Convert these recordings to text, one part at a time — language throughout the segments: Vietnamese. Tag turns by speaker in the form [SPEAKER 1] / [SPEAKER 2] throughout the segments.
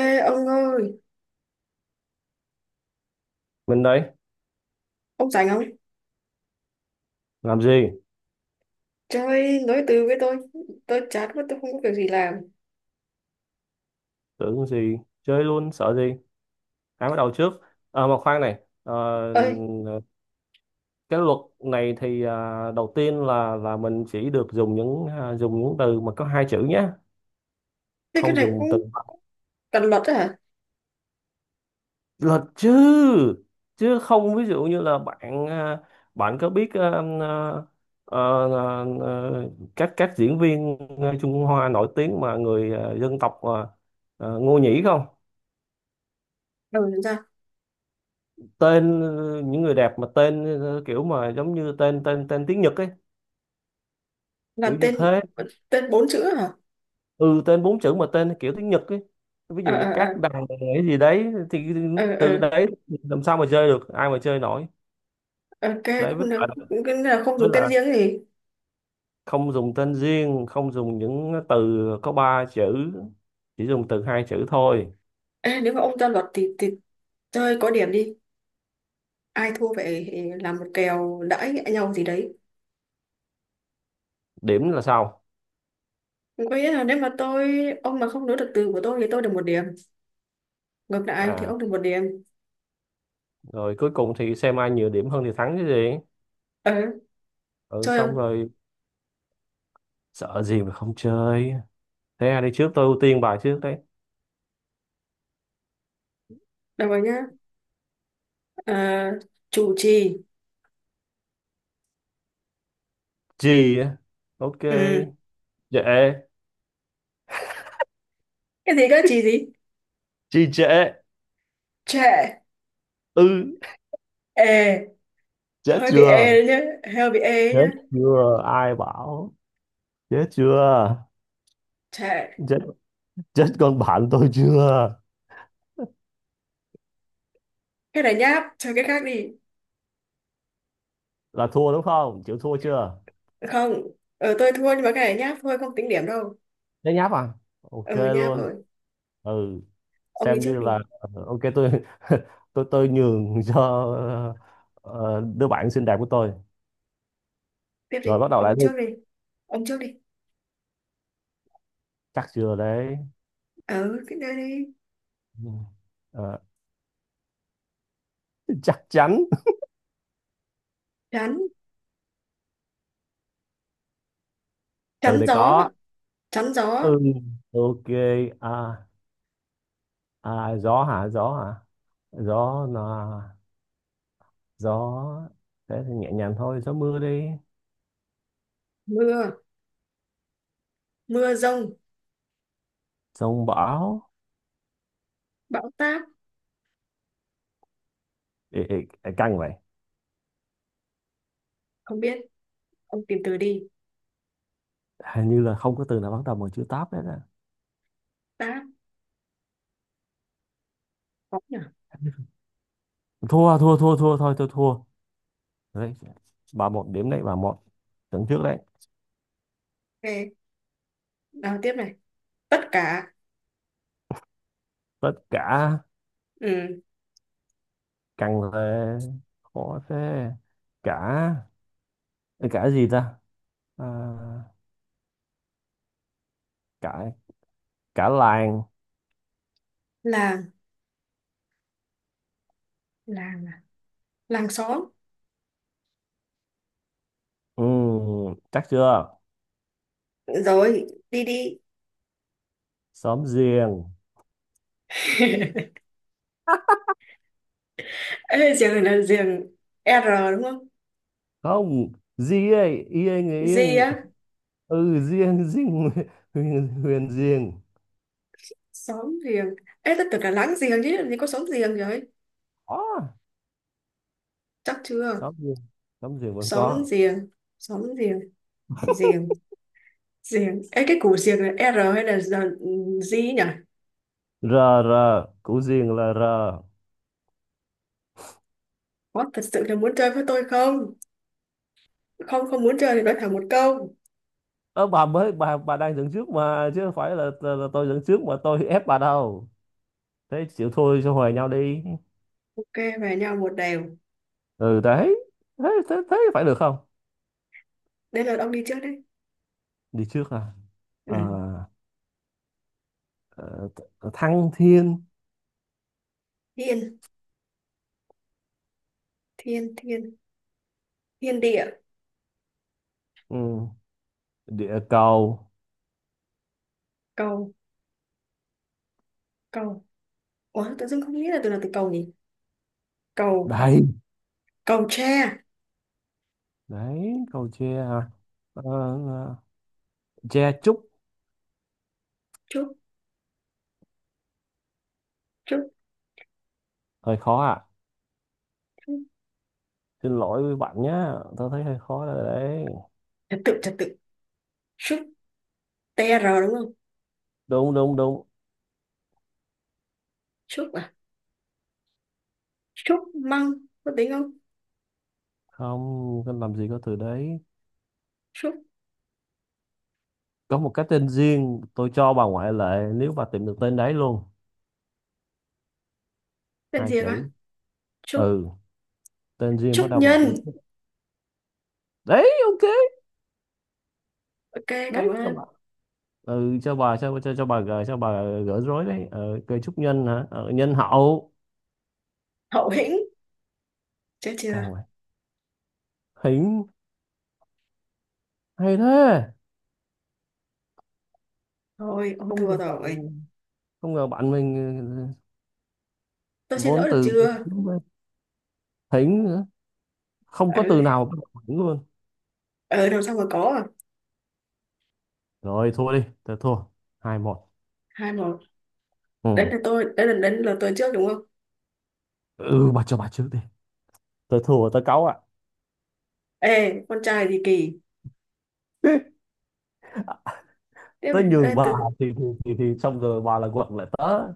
[SPEAKER 1] Ê ông ơi,
[SPEAKER 2] Mình đây,
[SPEAKER 1] ông rảnh không?
[SPEAKER 2] làm gì?
[SPEAKER 1] Chơi nối từ với tôi chán quá tôi không có việc gì làm.
[SPEAKER 2] Tưởng gì? Chơi luôn, sợ gì? Ai bắt đầu trước? À, mà khoan này,
[SPEAKER 1] Ơi,
[SPEAKER 2] cái luật này thì đầu tiên là mình chỉ được dùng những từ mà có hai chữ nhé,
[SPEAKER 1] thế cái
[SPEAKER 2] không
[SPEAKER 1] này
[SPEAKER 2] dùng từ
[SPEAKER 1] cũng cần luật á hả?
[SPEAKER 2] luật chứ, chứ không. Ví dụ như là bạn bạn có biết à, à, à, à, các diễn viên Trung Hoa nổi tiếng, mà người dân tộc Ngô Nhĩ không?
[SPEAKER 1] Ừ, làm sao?
[SPEAKER 2] Tên những người đẹp mà tên kiểu mà giống như tên tên tên tiếng Nhật ấy, kiểu
[SPEAKER 1] Là
[SPEAKER 2] như
[SPEAKER 1] tên
[SPEAKER 2] thế.
[SPEAKER 1] tên bốn chữ hả?
[SPEAKER 2] Ừ, tên bốn chữ mà tên kiểu tiếng Nhật ấy. Ví
[SPEAKER 1] Ờ
[SPEAKER 2] dụ như
[SPEAKER 1] ờ ờ
[SPEAKER 2] các đằng cái gì đấy, thì
[SPEAKER 1] ờ ờ
[SPEAKER 2] từ đấy làm sao mà chơi được, ai mà chơi nổi
[SPEAKER 1] ờ, ok.
[SPEAKER 2] đấy. với
[SPEAKER 1] Không
[SPEAKER 2] lại
[SPEAKER 1] được, cái này là không
[SPEAKER 2] với
[SPEAKER 1] dùng tên
[SPEAKER 2] lại
[SPEAKER 1] riêng gì.
[SPEAKER 2] không dùng tên riêng, không dùng những từ có ba chữ, chỉ dùng từ hai chữ thôi.
[SPEAKER 1] Ê, nếu mà ông ra luật thì chơi có điểm đi. Ai thua phải làm một kèo đãi nhau gì đấy.
[SPEAKER 2] Điểm là sau.
[SPEAKER 1] Có nghĩa là nếu mà tôi, ông mà không nối được từ của tôi thì tôi được một điểm. Ngược lại thì
[SPEAKER 2] à
[SPEAKER 1] ông được một điểm.
[SPEAKER 2] rồi cuối cùng thì xem ai nhiều điểm hơn thì thắng chứ gì.
[SPEAKER 1] Ờ,
[SPEAKER 2] Ừ,
[SPEAKER 1] Chơi
[SPEAKER 2] xong
[SPEAKER 1] không?
[SPEAKER 2] rồi. Sợ gì mà không chơi? Thế ai đi trước? Tôi ưu tiên bài trước đấy.
[SPEAKER 1] Được rồi nhá. Ờ, Chủ trì.
[SPEAKER 2] Gì á? Ok.
[SPEAKER 1] Ừ,
[SPEAKER 2] Dễ.
[SPEAKER 1] cái gì cơ, chị gì?
[SPEAKER 2] Gì dễ?
[SPEAKER 1] Trẻ.
[SPEAKER 2] Ư.
[SPEAKER 1] Ê,
[SPEAKER 2] Chết
[SPEAKER 1] hơi bị ê
[SPEAKER 2] chưa?
[SPEAKER 1] đấy nhá, hơi bị ê đấy
[SPEAKER 2] Chết
[SPEAKER 1] nhá.
[SPEAKER 2] chưa ai bảo? Chết chưa?
[SPEAKER 1] Trẻ.
[SPEAKER 2] Chết. Chết con bạn tôi chưa?
[SPEAKER 1] Cái này nháp, chơi cái khác đi.
[SPEAKER 2] Là thua đúng không? Chịu thua chưa?
[SPEAKER 1] Không, tôi thua nhưng mà cái này nháp thôi, không tính điểm đâu.
[SPEAKER 2] Nhớ nháp à? Ok
[SPEAKER 1] Ừ, nháp
[SPEAKER 2] luôn.
[SPEAKER 1] rồi.
[SPEAKER 2] Ừ.
[SPEAKER 1] Ông đi
[SPEAKER 2] Xem
[SPEAKER 1] trước
[SPEAKER 2] như
[SPEAKER 1] đi.
[SPEAKER 2] là ok, tôi tôi nhường cho ờ, đứa bạn xinh đẹp của tôi.
[SPEAKER 1] Tiếp đi,
[SPEAKER 2] Rồi bắt đầu lại
[SPEAKER 1] ông
[SPEAKER 2] đi.
[SPEAKER 1] trước đi, ông trước đi.
[SPEAKER 2] Chắc chưa đấy?
[SPEAKER 1] Ừ, cái này đi.
[SPEAKER 2] Ừ. Ờ, chắc chắn.
[SPEAKER 1] chắn
[SPEAKER 2] Từ
[SPEAKER 1] chắn
[SPEAKER 2] này
[SPEAKER 1] gió.
[SPEAKER 2] có.
[SPEAKER 1] Chắn
[SPEAKER 2] Ừ.
[SPEAKER 1] gió.
[SPEAKER 2] Ok. À. À, gió hả? Gió hả? Gió là gió. Thế thì nhẹ nhàng thôi, gió mưa đi.
[SPEAKER 1] Mưa. Mưa rông.
[SPEAKER 2] Sông bão.
[SPEAKER 1] Bão táp.
[SPEAKER 2] Ê, ê, ê, căng vậy.
[SPEAKER 1] Không biết, ông tìm từ đi.
[SPEAKER 2] Hình như là không có từ nào bắt đầu bằng chữ táp hết á.
[SPEAKER 1] Táp, khó nhỉ.
[SPEAKER 2] Thua, thua, thua, thua thôi, tôi thua. Đấy, 3-1 điểm đấy, 3-1. Tưởng trước đấy.
[SPEAKER 1] Ok, nào tiếp này. Tất cả.
[SPEAKER 2] Tất cả
[SPEAKER 1] Ừ.
[SPEAKER 2] căng về, khó thế. Cả cả gì ta? À, cả cả làng.
[SPEAKER 1] Làng. Làng à? Làng xóm.
[SPEAKER 2] Ừ, chắc chưa?
[SPEAKER 1] Rồi, đi đi.
[SPEAKER 2] Xóm giềng.
[SPEAKER 1] Ê, giường là giường R đúng không?
[SPEAKER 2] Không, gì ấy, yên người
[SPEAKER 1] G
[SPEAKER 2] yên.
[SPEAKER 1] á.
[SPEAKER 2] Ừ, riêng, riêng, huyền, huyền riêng.
[SPEAKER 1] Xóm giềng. Ê, tất tưởng là láng giềng chứ làm gì có xóm giềng rồi.
[SPEAKER 2] Có
[SPEAKER 1] Chắc chưa?
[SPEAKER 2] xóm riêng, xóm riêng vẫn
[SPEAKER 1] Xóm
[SPEAKER 2] có.
[SPEAKER 1] giềng, xóm giềng, giềng, giềng. Ê, cái củ giềng là R hay là ừ, G nhỉ?
[SPEAKER 2] R. R. Củ riêng là r.
[SPEAKER 1] Có thật sự là muốn chơi với tôi không? Không, không muốn chơi thì nói thẳng một câu.
[SPEAKER 2] Ơ bà mới, bà đang dẫn trước mà, chứ không phải là tôi dẫn trước mà tôi ép bà đâu. Thế chịu thôi, cho hòa nhau đi.
[SPEAKER 1] Ok, về nhau một đều.
[SPEAKER 2] Ừ, đấy. Thế thế thế phải được không?
[SPEAKER 1] Đây là ông đi trước đấy.
[SPEAKER 2] Đi trước à? Ờ,
[SPEAKER 1] Ừ.
[SPEAKER 2] thăng thiên.
[SPEAKER 1] Thiên. Thiên thiên. Thiên địa.
[SPEAKER 2] Ừ. Địa cầu.
[SPEAKER 1] Cầu. Cầu. Ủa, tự dưng không nghĩ là từ nào từ cầu nhỉ. Cầu.
[SPEAKER 2] Đầy.
[SPEAKER 1] Cầu tre.
[SPEAKER 2] Đấy, cầu tre à? Ờ, tre trúc.
[SPEAKER 1] Trúc. Trúc.
[SPEAKER 2] Hơi khó ạ.
[SPEAKER 1] Trúc.
[SPEAKER 2] Xin lỗi với bạn nhá, tao thấy hơi khó rồi đấy.
[SPEAKER 1] Trật tự, trật tự. Trúc, tr, đúng không?
[SPEAKER 2] Đúng, đúng, đúng.
[SPEAKER 1] Trúc à. Trúc măng, có tính không?
[SPEAKER 2] Không, không làm gì có từ đấy.
[SPEAKER 1] Trúc.
[SPEAKER 2] Có một cái tên riêng, tôi cho bà ngoại lệ nếu bà tìm được tên đấy luôn.
[SPEAKER 1] Tên
[SPEAKER 2] Hai
[SPEAKER 1] gì mà?
[SPEAKER 2] chữ.
[SPEAKER 1] Trúc.
[SPEAKER 2] Ừ, tên riêng bắt
[SPEAKER 1] Trúc
[SPEAKER 2] đầu bằng chữ
[SPEAKER 1] nhân.
[SPEAKER 2] T. Đấy, ok.
[SPEAKER 1] Ok, cảm
[SPEAKER 2] Đấy, cho bà.
[SPEAKER 1] ơn.
[SPEAKER 2] Ừ, cho bà, cho bà gỡ, rối đấy. Ờ, cây trúc nhân hả? Ờ, nhân hậu.
[SPEAKER 1] Hậu hĩnh, chết
[SPEAKER 2] Càng
[SPEAKER 1] chưa.
[SPEAKER 2] vậy. Hỉnh. Hay thế.
[SPEAKER 1] Thôi ông
[SPEAKER 2] Không ngờ
[SPEAKER 1] thua
[SPEAKER 2] bạn,
[SPEAKER 1] rồi.
[SPEAKER 2] mình.
[SPEAKER 1] Tôi
[SPEAKER 2] Ừ,
[SPEAKER 1] xin
[SPEAKER 2] vốn
[SPEAKER 1] lỗi được
[SPEAKER 2] từ.
[SPEAKER 1] chưa?
[SPEAKER 2] Hỉnh nữa. Không
[SPEAKER 1] Ừ,
[SPEAKER 2] có từ nào bắt đầu bằng hỉnh luôn.
[SPEAKER 1] ừ, làm xong mà có à.
[SPEAKER 2] Rồi thua đi, tớ thua. 2-1.
[SPEAKER 1] Hai một. Đấy
[SPEAKER 2] Ừ.
[SPEAKER 1] là tôi, đấy là đến là tôi trước đúng không?
[SPEAKER 2] Ừ, bà cho bà trước đi. Tớ thua, tớ cáu ạ.
[SPEAKER 1] Ê, con trai gì kỳ. Tiếp
[SPEAKER 2] Tớ
[SPEAKER 1] này, ê
[SPEAKER 2] nhường bà,
[SPEAKER 1] từ.
[SPEAKER 2] thì xong rồi bà là quật lại tớ.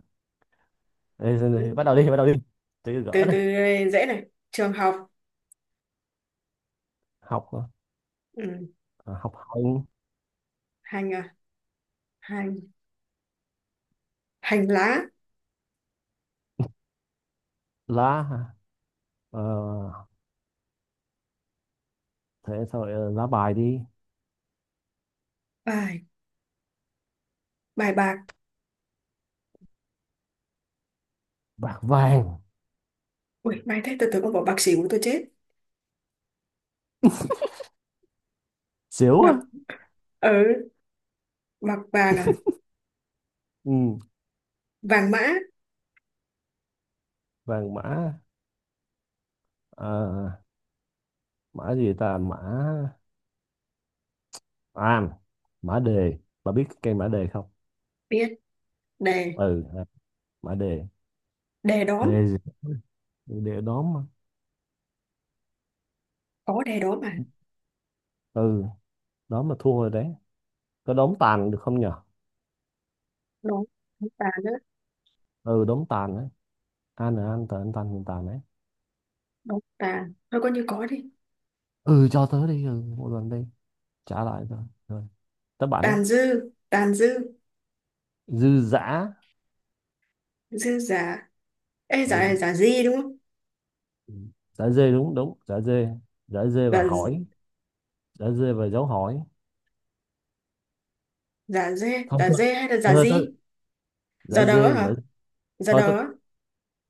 [SPEAKER 2] Đây, đây,
[SPEAKER 1] Ừ,
[SPEAKER 2] đây, bắt đầu đi, bắt đầu đi. Tớ gỡ
[SPEAKER 1] từ từ
[SPEAKER 2] này.
[SPEAKER 1] dễ này, trường học.
[SPEAKER 2] Học.
[SPEAKER 1] Ừ.
[SPEAKER 2] Học hành.
[SPEAKER 1] Hành à? Hành. Hành lá.
[SPEAKER 2] Lá hả? ờ, thế sao lại lá bài đi.
[SPEAKER 1] Ai, bài bạc.
[SPEAKER 2] Bạc vàng.
[SPEAKER 1] Ui may thế, tôi tưởng con bỏ bạc xỉu tôi chết.
[SPEAKER 2] Xíu á.
[SPEAKER 1] Bạc ở, bạc vàng à?
[SPEAKER 2] Ừ,
[SPEAKER 1] Vàng mã.
[SPEAKER 2] vàng mã. Ờ, mã gì ta? Mã. À, mã đề. Bà biết cái cây mã đề không?
[SPEAKER 1] Biết. Đề.
[SPEAKER 2] Ừ, mã đề.
[SPEAKER 1] Đề đóm.
[SPEAKER 2] Đề gì? Đề đóm mà.
[SPEAKER 1] Có đề đóm à?
[SPEAKER 2] Ừ, đó mà thua rồi đấy. Có đống tàn được không nhở?
[SPEAKER 1] Đóm. Đóm tàn nữa.
[SPEAKER 2] Ừ, đống tàn đấy. An là an tờ, an tàn, tàn tàn đấy.
[SPEAKER 1] Đóm tàn thôi coi như có đi.
[SPEAKER 2] Ừ, cho tớ đi, ừ, một lần đi. Trả lại rồi. Rồi. Các bạn đấy.
[SPEAKER 1] Tàn dư, tàn dư.
[SPEAKER 2] Dư dã.
[SPEAKER 1] Dư giả. Ê, giả
[SPEAKER 2] Ừ.
[SPEAKER 1] giả gì đúng không?
[SPEAKER 2] Ừ. Dã dê, đúng, đúng, dã dê. Dã dê và
[SPEAKER 1] Giả.
[SPEAKER 2] hỏi. Dã dê và dấu hỏi.
[SPEAKER 1] Giả dê,
[SPEAKER 2] Không,
[SPEAKER 1] giả
[SPEAKER 2] thôi.
[SPEAKER 1] dê hay là giả
[SPEAKER 2] Thôi tớ.
[SPEAKER 1] gì?
[SPEAKER 2] Dã
[SPEAKER 1] Giả đỡ
[SPEAKER 2] dê dã.
[SPEAKER 1] hả? Giả
[SPEAKER 2] Thôi tớ.
[SPEAKER 1] đỡ.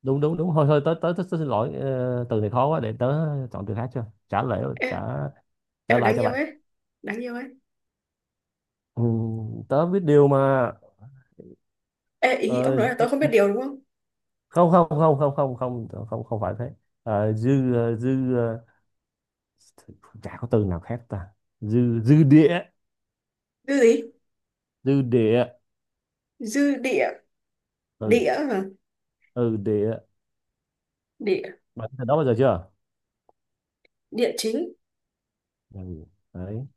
[SPEAKER 2] Đúng, đúng, đúng, thôi, thôi tớ, xin lỗi. Ờ, từ này khó quá, để tớ chọn từ khác cho, trả lại trả.
[SPEAKER 1] Ê, em
[SPEAKER 2] Trả
[SPEAKER 1] là
[SPEAKER 2] lại
[SPEAKER 1] đáng
[SPEAKER 2] cho
[SPEAKER 1] yêu
[SPEAKER 2] bạn.
[SPEAKER 1] ấy. Đáng yêu ấy.
[SPEAKER 2] Ừ, tớ biết điều mà.
[SPEAKER 1] Ê, ý ông
[SPEAKER 2] Ờ,
[SPEAKER 1] nói là tôi không biết điều đúng không?
[SPEAKER 2] không, không, không, không, không, không, không, không phải thế. Dư, dư, chả có từ nào khác ta. Dư dư địa.
[SPEAKER 1] Dư gì?
[SPEAKER 2] Dư địa.
[SPEAKER 1] Dư địa.
[SPEAKER 2] Ừ.
[SPEAKER 1] Địa hả?
[SPEAKER 2] Ừ, địa.
[SPEAKER 1] Địa.
[SPEAKER 2] Bạn từ đó bao giờ chưa?
[SPEAKER 1] Địa chính.
[SPEAKER 2] Ừ. Đấy.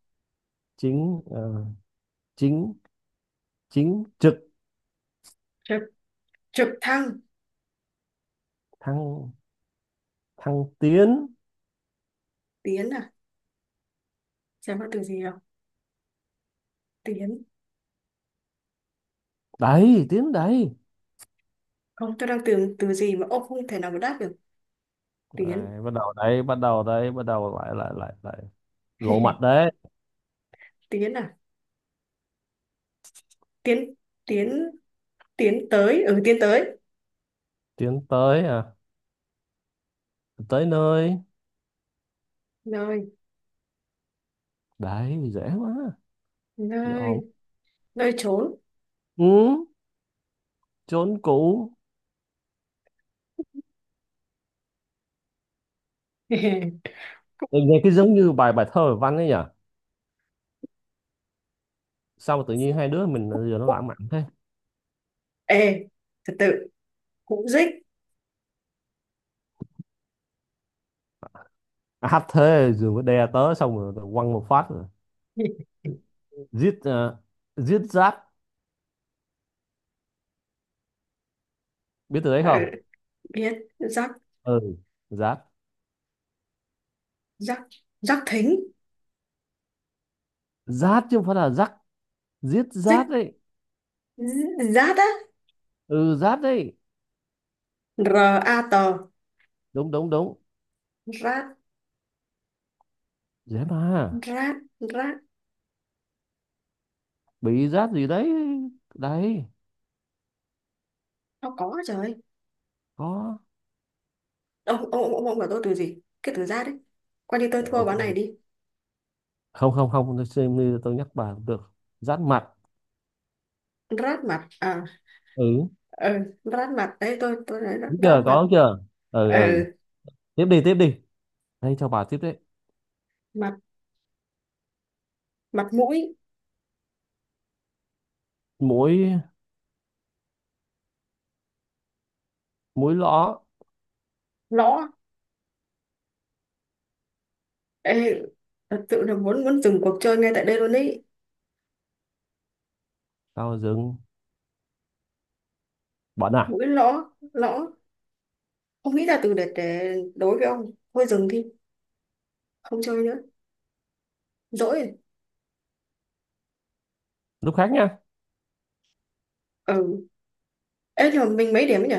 [SPEAKER 2] Chính ờ, chính chính trực.
[SPEAKER 1] Trời, trực thăng.
[SPEAKER 2] Thăng thăng tiến.
[SPEAKER 1] Tiến à? Xem có từ gì không. Tiến.
[SPEAKER 2] Đấy, tiến đấy.
[SPEAKER 1] Không, tôi đang tưởng từ gì mà ông không thể nào mà đáp được. Tiến.
[SPEAKER 2] Đấy, bắt đầu đấy, bắt đầu đấy, bắt đầu lại lại lại lại. Lộ mặt đấy.
[SPEAKER 1] Tiến à. Tiến. Tiến. Tiến tới. Ừ, tiến tới.
[SPEAKER 2] Tiến tới. Tới nơi.
[SPEAKER 1] Nơi.
[SPEAKER 2] Đấy, dễ quá. Dễ ổn.
[SPEAKER 1] Nơi. Nơi trốn.
[SPEAKER 2] Ừ, chốn cũ. Nghe nghe cái giống như bài bài thơ văn ấy nhỉ. Sao mà tự nhiên hai đứa mình giờ nó
[SPEAKER 1] Cụ-
[SPEAKER 2] lãng mạn thế.
[SPEAKER 1] ê, thật tự, cụ dích.
[SPEAKER 2] À, hát thế rồi có đè tớ xong rồi quăng một phát rồi. giết ờ, giết rát. Biết từ đấy không?
[SPEAKER 1] À, biết rắc.
[SPEAKER 2] Ừ, rát.
[SPEAKER 1] Rắc rắc thính.
[SPEAKER 2] Rát chứ không phải là rắc. Giết rát
[SPEAKER 1] Dích.
[SPEAKER 2] đấy.
[SPEAKER 1] Rát á.
[SPEAKER 2] Ừ, rát đấy.
[SPEAKER 1] R, a, t.
[SPEAKER 2] Đúng, đúng, đúng.
[SPEAKER 1] Rát.
[SPEAKER 2] Dễ mà.
[SPEAKER 1] Rát. Rát.
[SPEAKER 2] Bị rát gì đấy. Đấy.
[SPEAKER 1] Nó có trời.
[SPEAKER 2] Có.
[SPEAKER 1] Ông bảo tôi từ gì cái từ rát đấy, coi như tôi thua ván này
[SPEAKER 2] Ok,
[SPEAKER 1] đi.
[SPEAKER 2] không, không, không, tôi xem như tôi nhắc bà cũng được. Rát mặt.
[SPEAKER 1] Rát mặt à?
[SPEAKER 2] Ừ.
[SPEAKER 1] Ừ, rát mặt đấy. Tôi nói rát,
[SPEAKER 2] Đúng
[SPEAKER 1] rát
[SPEAKER 2] chưa?
[SPEAKER 1] mặt.
[SPEAKER 2] Có chưa? Ừ,
[SPEAKER 1] Ừ,
[SPEAKER 2] ừ. Tiếp đi, tiếp đi. Đây, cho bà tiếp đấy.
[SPEAKER 1] mặt. Mặt mũi.
[SPEAKER 2] Mỗi múi lõ.
[SPEAKER 1] Lõ. Ê, thật sự là muốn muốn dừng cuộc chơi ngay tại đây luôn ấy.
[SPEAKER 2] Tao dừng. Bận à?
[SPEAKER 1] Mũi lõ, lõ. Không nghĩ ra từ để đối với ông, thôi dừng đi. Không chơi nữa, dỗi rồi.
[SPEAKER 2] Lúc khác nha.
[SPEAKER 1] Ừ. Ê, nhưng mà mình mấy điểm ấy nhỉ?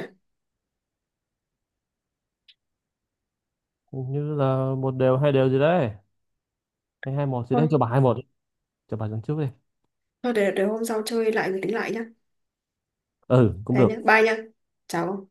[SPEAKER 2] Hình như là 1-1, 2-2 gì đấy, hay 2-1 gì
[SPEAKER 1] Thôi,
[SPEAKER 2] đấy. Cho bà 2-1. Cho bà dẫn trước đi.
[SPEAKER 1] thôi để hôm sau chơi lại rồi tính lại nhá.
[SPEAKER 2] Ừ, cũng
[SPEAKER 1] Thế nhá,
[SPEAKER 2] được.
[SPEAKER 1] bye nhá. Chào ông.